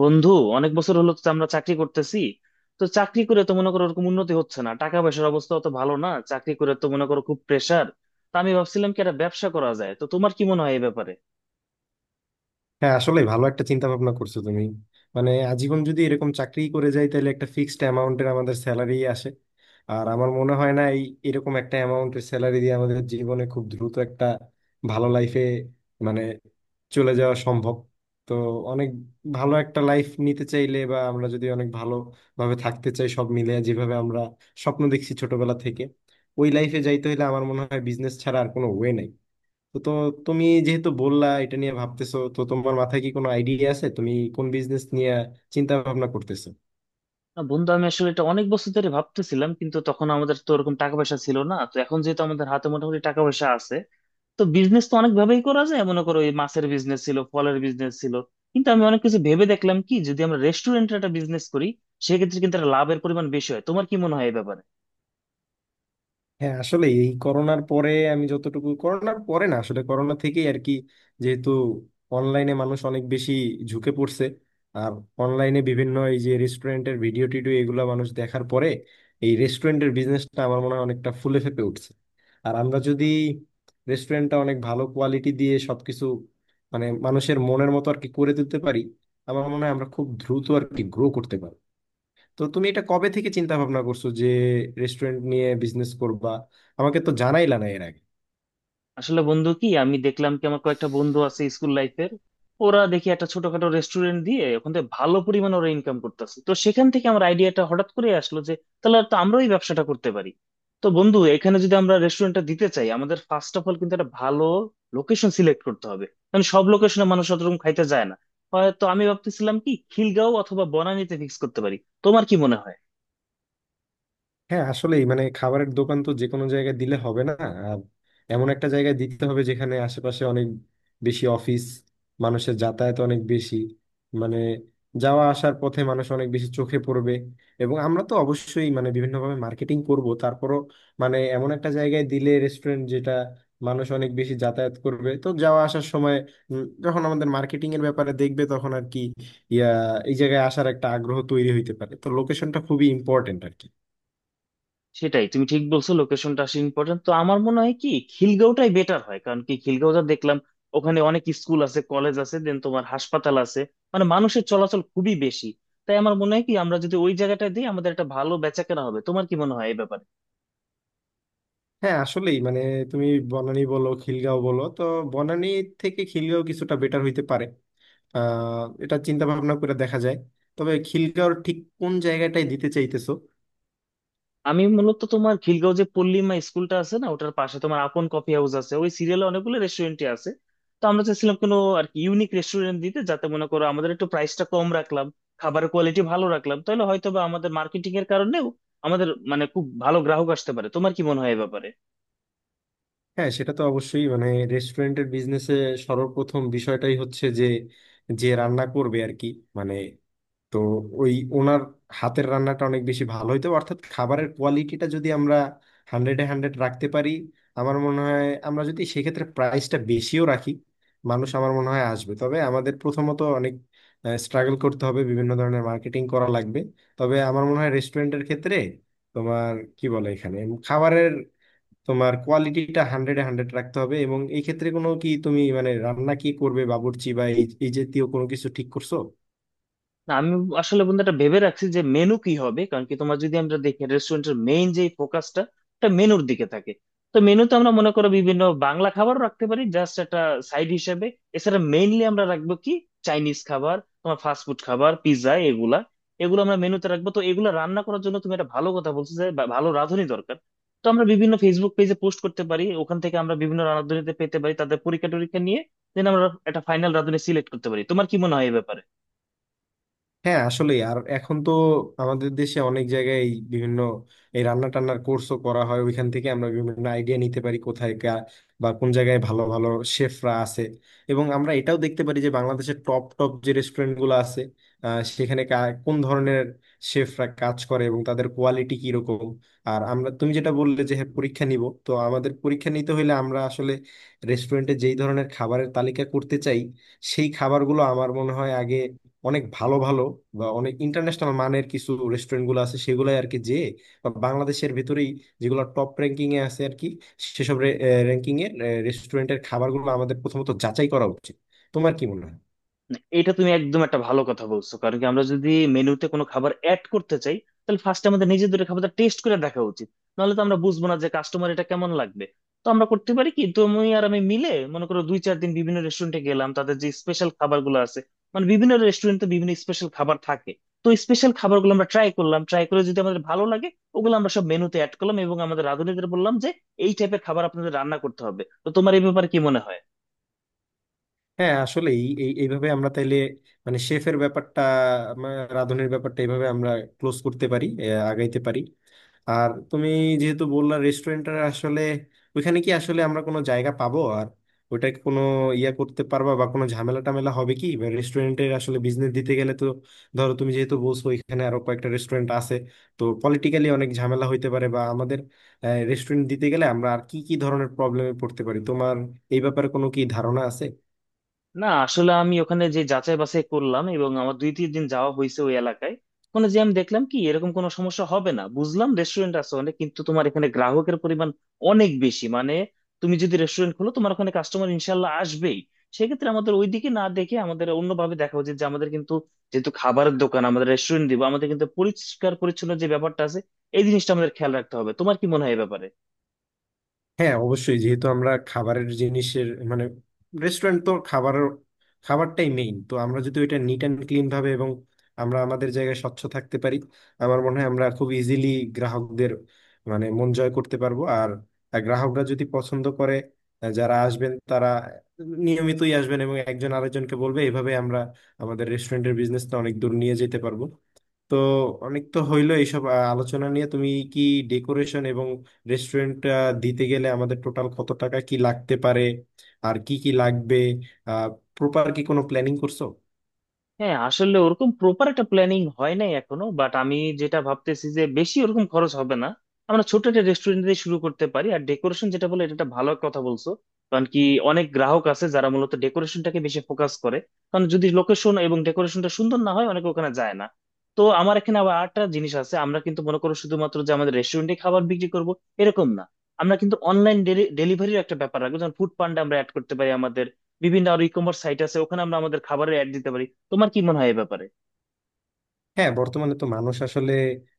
বন্ধু, অনেক বছর হলো তো আমরা চাকরি করতেছি। তো চাকরি করে তো মনে করো ওরকম উন্নতি হচ্ছে না, টাকা পয়সার অবস্থা তো ভালো না, চাকরি করে তো মনে করো খুব প্রেসার। তা আমি ভাবছিলাম কি একটা ব্যবসা করা যায়, তো তোমার কি মনে হয় এই ব্যাপারে? হ্যাঁ, আসলে ভালো একটা চিন্তা ভাবনা করছো তুমি। মানে আজীবন যদি এরকম চাকরি করে যাই, তাহলে একটা ফিক্সড অ্যামাউন্টের আমাদের স্যালারি আসে। আর আমার মনে হয় না এই এরকম একটা অ্যামাউন্টের স্যালারি দিয়ে আমাদের জীবনে খুব দ্রুত একটা ভালো লাইফে মানে চলে যাওয়া সম্ভব। তো অনেক ভালো একটা লাইফ নিতে চাইলে, বা আমরা যদি অনেক ভালোভাবে থাকতে চাই, সব মিলে যেভাবে আমরা স্বপ্ন দেখছি ছোটবেলা থেকে, ওই লাইফে যাইতে হলে আমার মনে হয় বিজনেস ছাড়া আর কোনো ওয়ে নাই। তো তো তুমি যেহেতু বললা এটা নিয়ে ভাবতেছো, তো তোমার মাথায় কি কোনো আইডিয়া আছে তুমি কোন বিজনেস নিয়ে চিন্তা ভাবনা করতেছো? না, বন্ধু, আমি আসলে এটা অনেক বছর ধরে ভাবতেছিলাম, কিন্তু তখন আমাদের তো ওরকম টাকা পয়সা ছিল না, তো এখন যেহেতু আমাদের হাতে মোটামুটি টাকা পয়সা আছে। তো বিজনেস তো অনেক ভাবেই করা যায়, মনে করো এই মাছের বিজনেস ছিল, ফলের বিজনেস ছিল, কিন্তু আমি অনেক কিছু ভেবে দেখলাম কি যদি আমরা রেস্টুরেন্টের একটা বিজনেস করি সেক্ষেত্রে কিন্তু একটা লাভের পরিমাণ বেশি হয়। তোমার কি মনে হয় এই ব্যাপারে? হ্যাঁ, আসলে এই করোনার পরে আমি যতটুকু, করোনার পরে না আসলে করোনা থেকেই আর কি, যেহেতু অনলাইনে মানুষ অনেক বেশি ঝুঁকে পড়ছে, আর অনলাইনে বিভিন্ন এই যে রেস্টুরেন্টের ভিডিও টিডিও এগুলো মানুষ দেখার পরে এই রেস্টুরেন্টের বিজনেসটা আমার মনে হয় অনেকটা ফুলে ফেঁপে উঠছে। আর আমরা যদি রেস্টুরেন্টটা অনেক ভালো কোয়ালিটি দিয়ে সবকিছু মানে মানুষের মনের মতো আর কি করে তুলতে পারি, আমার মনে হয় আমরা খুব দ্রুত আর কি গ্রো করতে পারি। তো তুমি এটা কবে থেকে চিন্তা ভাবনা করছো যে রেস্টুরেন্ট নিয়ে বিজনেস করবা? আমাকে তো জানাইলা না এর আগে। আসলে বন্ধু কি আমি দেখলাম কি আমার কয়েকটা বন্ধু আছে স্কুল লাইফের, ওরা দেখি একটা ছোটখাটো রেস্টুরেন্ট দিয়ে ওখান থেকে ভালো পরিমাণে ওরা ইনকাম করতেছে। তো সেখান থেকে আমার আইডিয়াটা হঠাৎ করে আসলো যে তাহলে তো আমরাও এই ব্যবসাটা করতে পারি। তো বন্ধু, এখানে যদি আমরা রেস্টুরেন্টটা দিতে চাই আমাদের ফার্স্ট অফ অল কিন্তু একটা ভালো লোকেশন সিলেক্ট করতে হবে, কারণ সব লোকেশনে মানুষ অতরকম খাইতে যায় না। হয়তো আমি ভাবতেছিলাম কি খিলগাঁও অথবা বনানীতে ফিক্স করতে পারি। তোমার কি মনে হয়? হ্যাঁ, আসলেই মানে খাবারের দোকান তো যে কোনো জায়গায় দিলে হবে না। আর এমন একটা জায়গায় দিতে হবে যেখানে আশেপাশে অনেক বেশি অফিস, মানুষের যাতায়াত অনেক বেশি, মানে যাওয়া আসার পথে মানুষ অনেক বেশি চোখে পড়বে। এবং আমরা তো অবশ্যই মানে বিভিন্নভাবে মার্কেটিং করব, তারপরও মানে এমন একটা জায়গায় দিলে রেস্টুরেন্ট যেটা মানুষ অনেক বেশি যাতায়াত করবে, তো যাওয়া আসার সময় যখন আমাদের মার্কেটিং এর ব্যাপারে দেখবে তখন আর কি ইয়া এই জায়গায় আসার একটা আগ্রহ তৈরি হইতে পারে। তো লোকেশনটা খুবই ইম্পর্টেন্ট আর কি। সেটাই, তুমি ঠিক বলছো, লোকেশনটা আসলে ইম্পর্টেন্ট। তো আমার মনে হয় কি খিলগাঁওটাই বেটার হয়, কারণ কি খিলগাঁওটা দেখলাম ওখানে অনেক স্কুল আছে, কলেজ আছে, দেন তোমার হাসপাতাল আছে, মানে মানুষের চলাচল খুবই বেশি। তাই আমার মনে হয় কি আমরা যদি ওই জায়গাটা দিই আমাদের একটা ভালো বেচাকেনা হবে। তোমার কি মনে হয় এই ব্যাপারে? হ্যাঁ, আসলেই মানে তুমি বনানী বলো খিলগাঁও বলো, তো বনানী থেকে খিলগাঁও কিছুটা বেটার হইতে পারে। আহ, এটা চিন্তা ভাবনা করে দেখা যায়। তবে খিলগাঁওর ঠিক কোন জায়গাটায় দিতে চাইতেছো? আমি মূলত তোমার খিলগাঁও যে পল্লিমা স্কুলটা আছে না, ওটার পাশে তোমার আপন কফি হাউস আছে, ওই সিরিয়ালে অনেকগুলো রেস্টুরেন্টই আছে। তো আমরা চাইছিলাম কোনো আর কি ইউনিক রেস্টুরেন্ট দিতে, যাতে মনে করো আমাদের একটু প্রাইসটা কম রাখলাম, খাবারের কোয়ালিটি ভালো রাখলাম, তাহলে হয়তো বা আমাদের মার্কেটিং এর কারণেও আমাদের মানে খুব ভালো গ্রাহক আসতে পারে। তোমার কি মনে হয় এ ব্যাপারে? হ্যাঁ, সেটা তো অবশ্যই মানে রেস্টুরেন্টের বিজনেসে সর্বপ্রথম বিষয়টাই হচ্ছে যে যে রান্না করবে আর কি, মানে তো ওই ওনার হাতের রান্নাটা অনেক বেশি ভালো হইতো, অর্থাৎ খাবারের কোয়ালিটিটা যদি আমরা হান্ড্রেডে হান্ড্রেড রাখতে পারি, আমার মনে হয় আমরা যদি সেক্ষেত্রে প্রাইসটা বেশিও রাখি, মানুষ আমার মনে হয় আসবে। তবে আমাদের প্রথমত অনেক স্ট্রাগল করতে হবে, বিভিন্ন ধরনের মার্কেটিং করা লাগবে। তবে আমার মনে হয় রেস্টুরেন্টের ক্ষেত্রে তোমার কি বলে এখানে, খাবারের তোমার কোয়ালিটিটা হান্ড্রেডে হান্ড্রেড রাখতে হবে। এবং এই ক্ষেত্রে কোনো কি তুমি মানে রান্না কি করবে বাবুর্চি বা এই এই জাতীয় কোনো কিছু ঠিক করছো? না, আমি আসলে বন্ধু এটা ভেবে রাখছি যে মেনু কি হবে, কারণ কি তোমার যদি আমরা দেখি রেস্টুরেন্টের মেইন যে ফোকাসটা, এটা মেনুর দিকে থাকে। তো মেনুতে আমরা মনে করো বিভিন্ন বাংলা খাবারও রাখতে পারি জাস্ট একটা সাইড হিসেবে। এছাড়া মেইনলি আমরা রাখবো কি চাইনিজ খাবার, তোমার ফাস্ট ফুড খাবার, পিৎজা, এগুলা এগুলো আমরা মেনুতে রাখবো। তো এগুলো রান্না করার জন্য তুমি একটা ভালো কথা বলছো যে ভালো রাঁধুনি দরকার। তো আমরা বিভিন্ন ফেসবুক পেজে পোস্ট করতে পারি, ওখান থেকে আমরা বিভিন্ন রাঁধুনিতে পেতে পারি তাদের পরীক্ষা টরীক্ষা নিয়ে, দেন আমরা একটা ফাইনাল রাঁধুনি সিলেক্ট করতে পারি। তোমার কি মনে হয় এই ব্যাপারে? হ্যাঁ, আসলে আর এখন তো আমাদের দেশে অনেক জায়গায় এই বিভিন্ন এই রান্না টান্নার কোর্সও করা হয়। ওইখান থেকে আমরা বিভিন্ন আইডিয়া নিতে পারি কোথায় বা কোন জায়গায় ভালো ভালো শেফরা আছে। এবং আমরা এটাও দেখতে পারি যে বাংলাদেশের টপ টপ যে রেস্টুরেন্ট গুলো আছে সেখানে কোন ধরনের শেফরা কাজ করে এবং তাদের কোয়ালিটি কিরকম। আর আমরা তুমি যেটা বললে যে হ্যাঁ পরীক্ষা নিব, তো আমাদের পরীক্ষা নিতে হলে আমরা আসলে রেস্টুরেন্টে যেই ধরনের খাবারের তালিকা করতে চাই, সেই খাবারগুলো আমার মনে হয় আগে অনেক ভালো ভালো বা অনেক ইন্টারন্যাশনাল মানের কিছু রেস্টুরেন্ট গুলো আছে সেগুলাই আর কি, যে বা বাংলাদেশের ভিতরেই যেগুলো টপ র্যাঙ্কিং এ আছে আর কি, সেসব র্যাঙ্কিং এ রেস্টুরেন্টের খাবারগুলো আমাদের প্রথমত যাচাই করা উচিত। তোমার কি মনে হয়? এটা তুমি একদম একটা ভালো কথা বলছো, কারণ কি আমরা যদি মেনুতে কোনো খাবার অ্যাড করতে চাই তাহলে ফার্স্ট আমাদের নিজেদের খাবারটা টেস্ট করে দেখা উচিত, নাহলে তো আমরা বুঝবো না যে কাস্টমার এটা কেমন লাগবে। তো আমরা করতে পারি কি তুমি আর আমি মিলে মনে করো দুই চার দিন বিভিন্ন রেস্টুরেন্টে গেলাম, তাদের যে স্পেশাল খাবারগুলো আছে, মানে বিভিন্ন রেস্টুরেন্টে বিভিন্ন স্পেশাল খাবার থাকে, তো স্পেশাল খাবারগুলো আমরা ট্রাই করলাম, ট্রাই করে যদি আমাদের ভালো লাগে ওগুলো আমরা সব মেনুতে অ্যাড করলাম, এবং আমাদের রাঁধুনিদের বললাম যে এই টাইপের খাবার আপনাদের রান্না করতে হবে। তো তোমার এই ব্যাপারে কি মনে হয়? হ্যাঁ, আসলে এই এই- এইভাবে আমরা তাইলে মানে শেফের ব্যাপারটা, মা- রাঁধুনির ব্যাপারটা এইভাবে আমরা ক্লোজ করতে পারি, আগাইতে পারি। আর তুমি যেহেতু বললা রেস্টুরেন্টটা আসলে ওইখানে কি আসলে আমরা কোনো জায়গা পাবো, আর ওইটা কি কোনো ইয়া করতে পারবা বা কোনো ঝামেলা টামেলা হবে কি? রেস্টুরেন্টের আসলে বিজনেস দিতে গেলে তো, ধরো তুমি যেহেতু বলছো ওইখানে আরো কয়েকটা রেস্টুরেন্ট আছে, তো পলিটিক্যালি অনেক ঝামেলা হইতে পারে। বা আমাদের রেস্টুরেন্ট দিতে গেলে আমরা আর কি কি ধরনের প্রবলেমে পড়তে পারি, তোমার এই ব্যাপারে কোনো কি ধারণা আছে? না, আসলে আমি ওখানে যে যাচাই বাছাই করলাম এবং আমার দুই তিন দিন যাওয়া হয়েছে ওই এলাকায়, ওখানে যে আমি দেখলাম কি এরকম কোনো সমস্যা হবে না। বুঝলাম রেস্টুরেন্ট আছে অনেক, কিন্তু তোমার এখানে গ্রাহকের পরিমাণ অনেক বেশি, মানে তুমি যদি রেস্টুরেন্ট খোলো তোমার ওখানে কাস্টমার ইনশাল্লাহ আসবেই। সেক্ষেত্রে আমাদের ওইদিকে না দেখে আমাদের অন্যভাবে দেখা উচিত যে আমাদের কিন্তু, যেহেতু খাবারের দোকান, আমাদের রেস্টুরেন্ট দিব, আমাদের কিন্তু পরিষ্কার পরিচ্ছন্ন যে ব্যাপারটা আছে এই জিনিসটা আমাদের খেয়াল রাখতে হবে। তোমার কি মনে হয় এই ব্যাপারে? হ্যাঁ, অবশ্যই যেহেতু আমরা খাবারের জিনিসের মানে রেস্টুরেন্ট তো খাবার, খাবারটাই মেইন, তো আমরা যদি ওইটা নিট অ্যান্ড ক্লিন ভাবে এবং আমরা আমাদের জায়গায় স্বচ্ছ থাকতে পারি, আমার মনে হয় আমরা খুব ইজিলি গ্রাহকদের মানে মন জয় করতে পারবো। আর গ্রাহকরা যদি পছন্দ করে, যারা আসবেন তারা নিয়মিতই আসবেন এবং একজন আরেকজনকে বলবে, এভাবে আমরা আমাদের রেস্টুরেন্টের বিজনেসটা অনেক দূর নিয়ে যেতে পারবো। তো অনেক তো হইলো এইসব আলোচনা নিয়ে। তুমি কি ডেকোরেশন এবং রেস্টুরেন্ট দিতে গেলে আমাদের টোটাল কত টাকা কি লাগতে পারে, আর কি কি লাগবে, আহ, প্রপার কি কোনো প্ল্যানিং করছো? হ্যাঁ, আসলে ওরকম প্রপার একটা প্ল্যানিং হয় নাই এখনো, বাট আমি যেটা ভাবতেছি যে বেশি ওরকম খরচ হবে না। আমরা ছোট একটা রেস্টুরেন্ট দিয়ে শুরু করতে পারি। আর ডেকোরেশন যেটা বলে, এটা একটা ভালো কথা বলছো, কারণ কি অনেক গ্রাহক আছে যারা মূলত ডেকোরেশনটাকে বেশি ফোকাস করে। কারণ যদি লোকেশন এবং ডেকোরেশনটা সুন্দর না হয় অনেকে ওখানে যায় না। তো আমার এখানে আবার আরেকটা জিনিস আছে, আমরা কিন্তু মনে করো শুধুমাত্র যে আমাদের রেস্টুরেন্টে খাবার বিক্রি করব এরকম না, আমরা কিন্তু অনলাইন ডেলিভারির একটা ব্যাপার রাখবো, যেমন ফুড পান্ডা আমরা অ্যাড করতে পারি আমাদের। বিভিন্ন আর ই কমার্স সাইট আছে ওখানে আমরা আমাদের খাবারের অ্যাড দিতে পারি। তোমার কি মনে হয় এ ব্যাপারে? হ্যাঁ, বর্তমানে তো মানুষ আসলে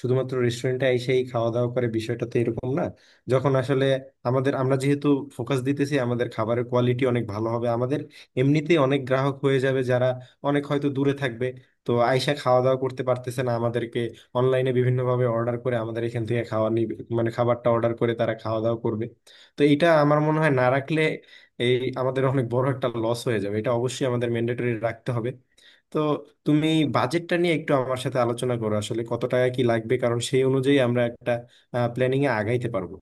শুধুমাত্র রেস্টুরেন্টে এসেই খাওয়া দাওয়া করে বিষয়টা তো এরকম না। যখন আসলে আমাদের আমরা যেহেতু ফোকাস দিতেছি আমাদের খাবারের কোয়ালিটি অনেক ভালো হবে, আমাদের এমনিতেই অনেক গ্রাহক হয়ে যাবে, যারা অনেক হয়তো দূরে থাকবে, তো আইসা খাওয়া দাওয়া করতে পারতেছে না, আমাদেরকে অনলাইনে বিভিন্নভাবে অর্ডার করে আমাদের এখান থেকে খাওয়া নিবে, মানে খাবারটা অর্ডার করে তারা খাওয়া দাওয়া করবে। তো এটা আমার মনে হয় না রাখলে এই আমাদের অনেক বড় একটা লস হয়ে যাবে, এটা অবশ্যই আমাদের ম্যান্ডেটরি রাখতে হবে। তো তুমি বাজেটটা নিয়ে একটু আমার সাথে আলোচনা করো আসলে কত টাকা কি লাগবে, কারণ সেই অনুযায়ী আমরা একটা প্ল্যানিং এ আগাইতে পারবো।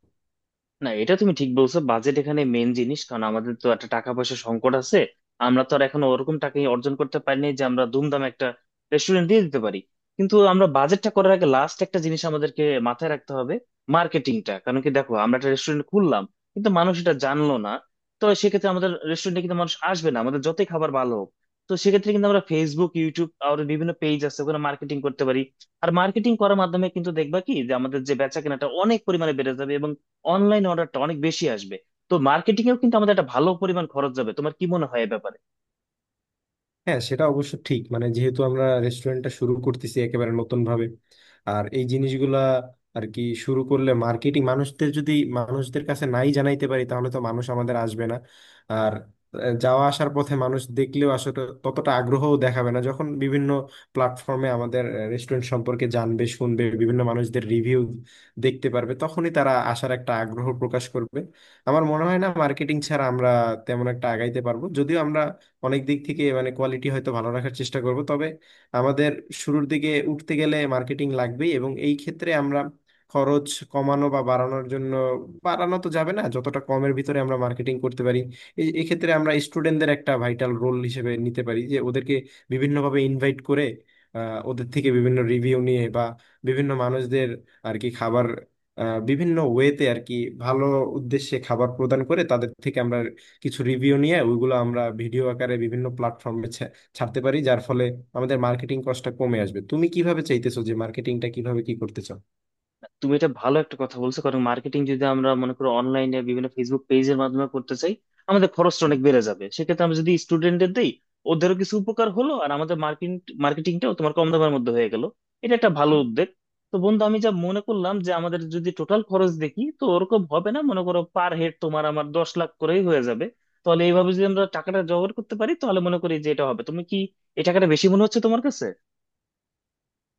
না, এটা তুমি ঠিক বলছো, বাজেট এখানে মেইন জিনিস, কারণ আমাদের তো একটা টাকা পয়সা সংকট আছে। আমরা তো আর এখন ওরকম টাকা অর্জন করতে পারিনি যে আমরা ধুমধাম একটা রেস্টুরেন্ট দিয়ে দিতে পারি। কিন্তু আমরা বাজেটটা করার আগে লাস্ট একটা জিনিস আমাদেরকে মাথায় রাখতে হবে, মার্কেটিংটা, কারণ কি দেখো আমরা একটা রেস্টুরেন্ট খুললাম কিন্তু মানুষ এটা জানলো না, তো সেক্ষেত্রে আমাদের রেস্টুরেন্টে কিন্তু মানুষ আসবে না আমাদের যতই খাবার ভালো হোক। তো সেক্ষেত্রে কিন্তু আমরা ফেসবুক, ইউটিউব আর বিভিন্ন পেজ আছে ওখানে মার্কেটিং করতে পারি। আর মার্কেটিং করার মাধ্যমে কিন্তু দেখবা কি যে আমাদের যে বেচা কেনাটা অনেক পরিমাণে বেড়ে যাবে, অনলাইন অর্ডারটা অনেক বেশি আসবে। তো মার্কেটিং এও কিন্তু আমাদের একটা ভালো পরিমাণ খরচ যাবে। তোমার কি মনে হয় এ ব্যাপারে? হ্যাঁ, সেটা অবশ্য ঠিক মানে যেহেতু আমরা রেস্টুরেন্টটা শুরু করতেছি একেবারে নতুন ভাবে, আর এই জিনিসগুলা আর কি শুরু করলে মার্কেটিং মানুষদের যদি মানুষদের কাছে নাই জানাইতে পারি তাহলে তো মানুষ আমাদের আসবে না। আর যাওয়া আসার পথে মানুষ দেখলেও আসলে ততটা আগ্রহও দেখাবে না, যখন বিভিন্ন প্ল্যাটফর্মে আমাদের রেস্টুরেন্ট সম্পর্কে জানবে শুনবে, বিভিন্ন মানুষদের রিভিউ দেখতে পারবে তখনই তারা আসার একটা আগ্রহ প্রকাশ করবে। আমার মনে হয় না মার্কেটিং ছাড়া আমরা তেমন একটা আগাইতে পারবো। যদিও আমরা অনেক দিক থেকে মানে কোয়ালিটি হয়তো ভালো রাখার চেষ্টা করব, তবে আমাদের শুরুর দিকে উঠতে গেলে মার্কেটিং লাগবেই। এবং এই ক্ষেত্রে আমরা খরচ কমানো বা বাড়ানোর জন্য, বাড়ানো তো যাবে না, যতটা কমের ভিতরে আমরা মার্কেটিং করতে পারি, এই এক্ষেত্রে আমরা স্টুডেন্টদের একটা ভাইটাল রোল হিসেবে নিতে পারি, যে ওদেরকে বিভিন্নভাবে ইনভাইট করে ওদের থেকে বিভিন্ন রিভিউ নিয়ে, বা বিভিন্ন মানুষদের আর কি খাবার বিভিন্ন ওয়েতে আর কি ভালো উদ্দেশ্যে খাবার প্রদান করে তাদের থেকে আমরা কিছু রিভিউ নিয়ে ওইগুলো আমরা ভিডিও আকারে বিভিন্ন প্ল্যাটফর্মে ছাড়তে পারি, যার ফলে আমাদের মার্কেটিং কস্টটা কমে আসবে। তুমি কিভাবে চাইতেছো যে মার্কেটিংটা কিভাবে কি করতে চাও? তুমি এটা ভালো একটা কথা বলছো, কারণ মার্কেটিং যদি আমরা মনে করো অনলাইনে বিভিন্ন ফেসবুক পেজের মাধ্যমে করতে চাই আমাদের খরচটা অনেক বেড়ে যাবে। সেক্ষেত্রে আমরা যদি স্টুডেন্টদের দিই ওদেরও কিছু উপকার হলো আর আমাদের মার্কেটিংটাও তোমার কম দামের মধ্যে হয়ে গেল। এটা একটা ভালো উদ্যোগ। তো বন্ধু, আমি যা মনে করলাম যে আমাদের যদি টোটাল খরচ দেখি তো ওরকম হবে না, মনে করো পার হেড তোমার আমার 10 লাখ করেই হয়ে যাবে। তাহলে এইভাবে যদি আমরা টাকাটা জোগাড় করতে পারি তাহলে মনে করি যে এটা হবে। তুমি কি এই টাকাটা বেশি মনে হচ্ছে তোমার কাছে?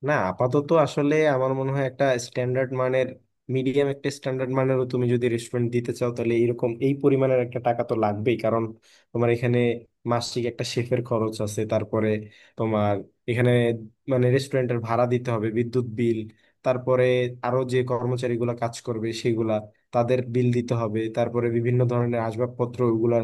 না, আপাতত আসলে আমার মনে হয় একটা স্ট্যান্ডার্ড মানের, মিডিয়াম একটা স্ট্যান্ডার্ড মানেরও তুমি যদি রেস্টুরেন্ট দিতে চাও, তাহলে এরকম এই পরিমাণের একটা টাকা তো লাগবেই। কারণ তোমার এখানে মাসিক একটা শেফের খরচ আছে, তারপরে তোমার এখানে মানে রেস্টুরেন্টের ভাড়া দিতে হবে, বিদ্যুৎ বিল, তারপরে আরো যে কর্মচারীগুলা কাজ করবে সেগুলা তাদের বিল দিতে হবে, তারপরে বিভিন্ন ধরনের আসবাবপত্র ওগুলার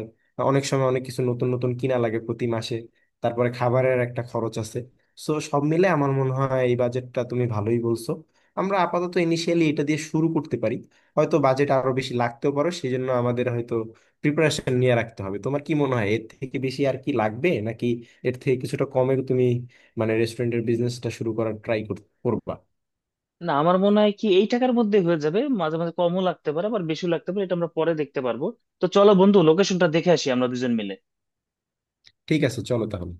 অনেক সময় অনেক কিছু নতুন নতুন কিনা লাগে প্রতি মাসে, তারপরে খাবারের একটা খরচ আছে। সো সব মিলে আমার মনে হয় এই বাজেটটা তুমি ভালোই বলছো। আমরা আপাতত ইনিশিয়ালি এটা দিয়ে শুরু করতে পারি। হয়তো বাজেট আরো বেশি লাগতেও পারো, সেই জন্য আমাদের হয়তো প্রিপারেশন নিয়ে রাখতে হবে। তোমার কি মনে হয় এর থেকে বেশি আর কি লাগবে, নাকি এর থেকে কিছুটা কমে তুমি মানে রেস্টুরেন্টের বিজনেসটা শুরু করার ট্রাই করবা? না, আমার মনে হয় কি এই টাকার মধ্যে হয়ে যাবে, মাঝে মাঝে কমও লাগতে পারে আবার বেশিও লাগতে পারে, এটা আমরা পরে দেখতে পারবো। তো চলো বন্ধু, লোকেশনটা দেখে আসি আমরা দুজন মিলে। ঠিক আছে, চলো তাহলে।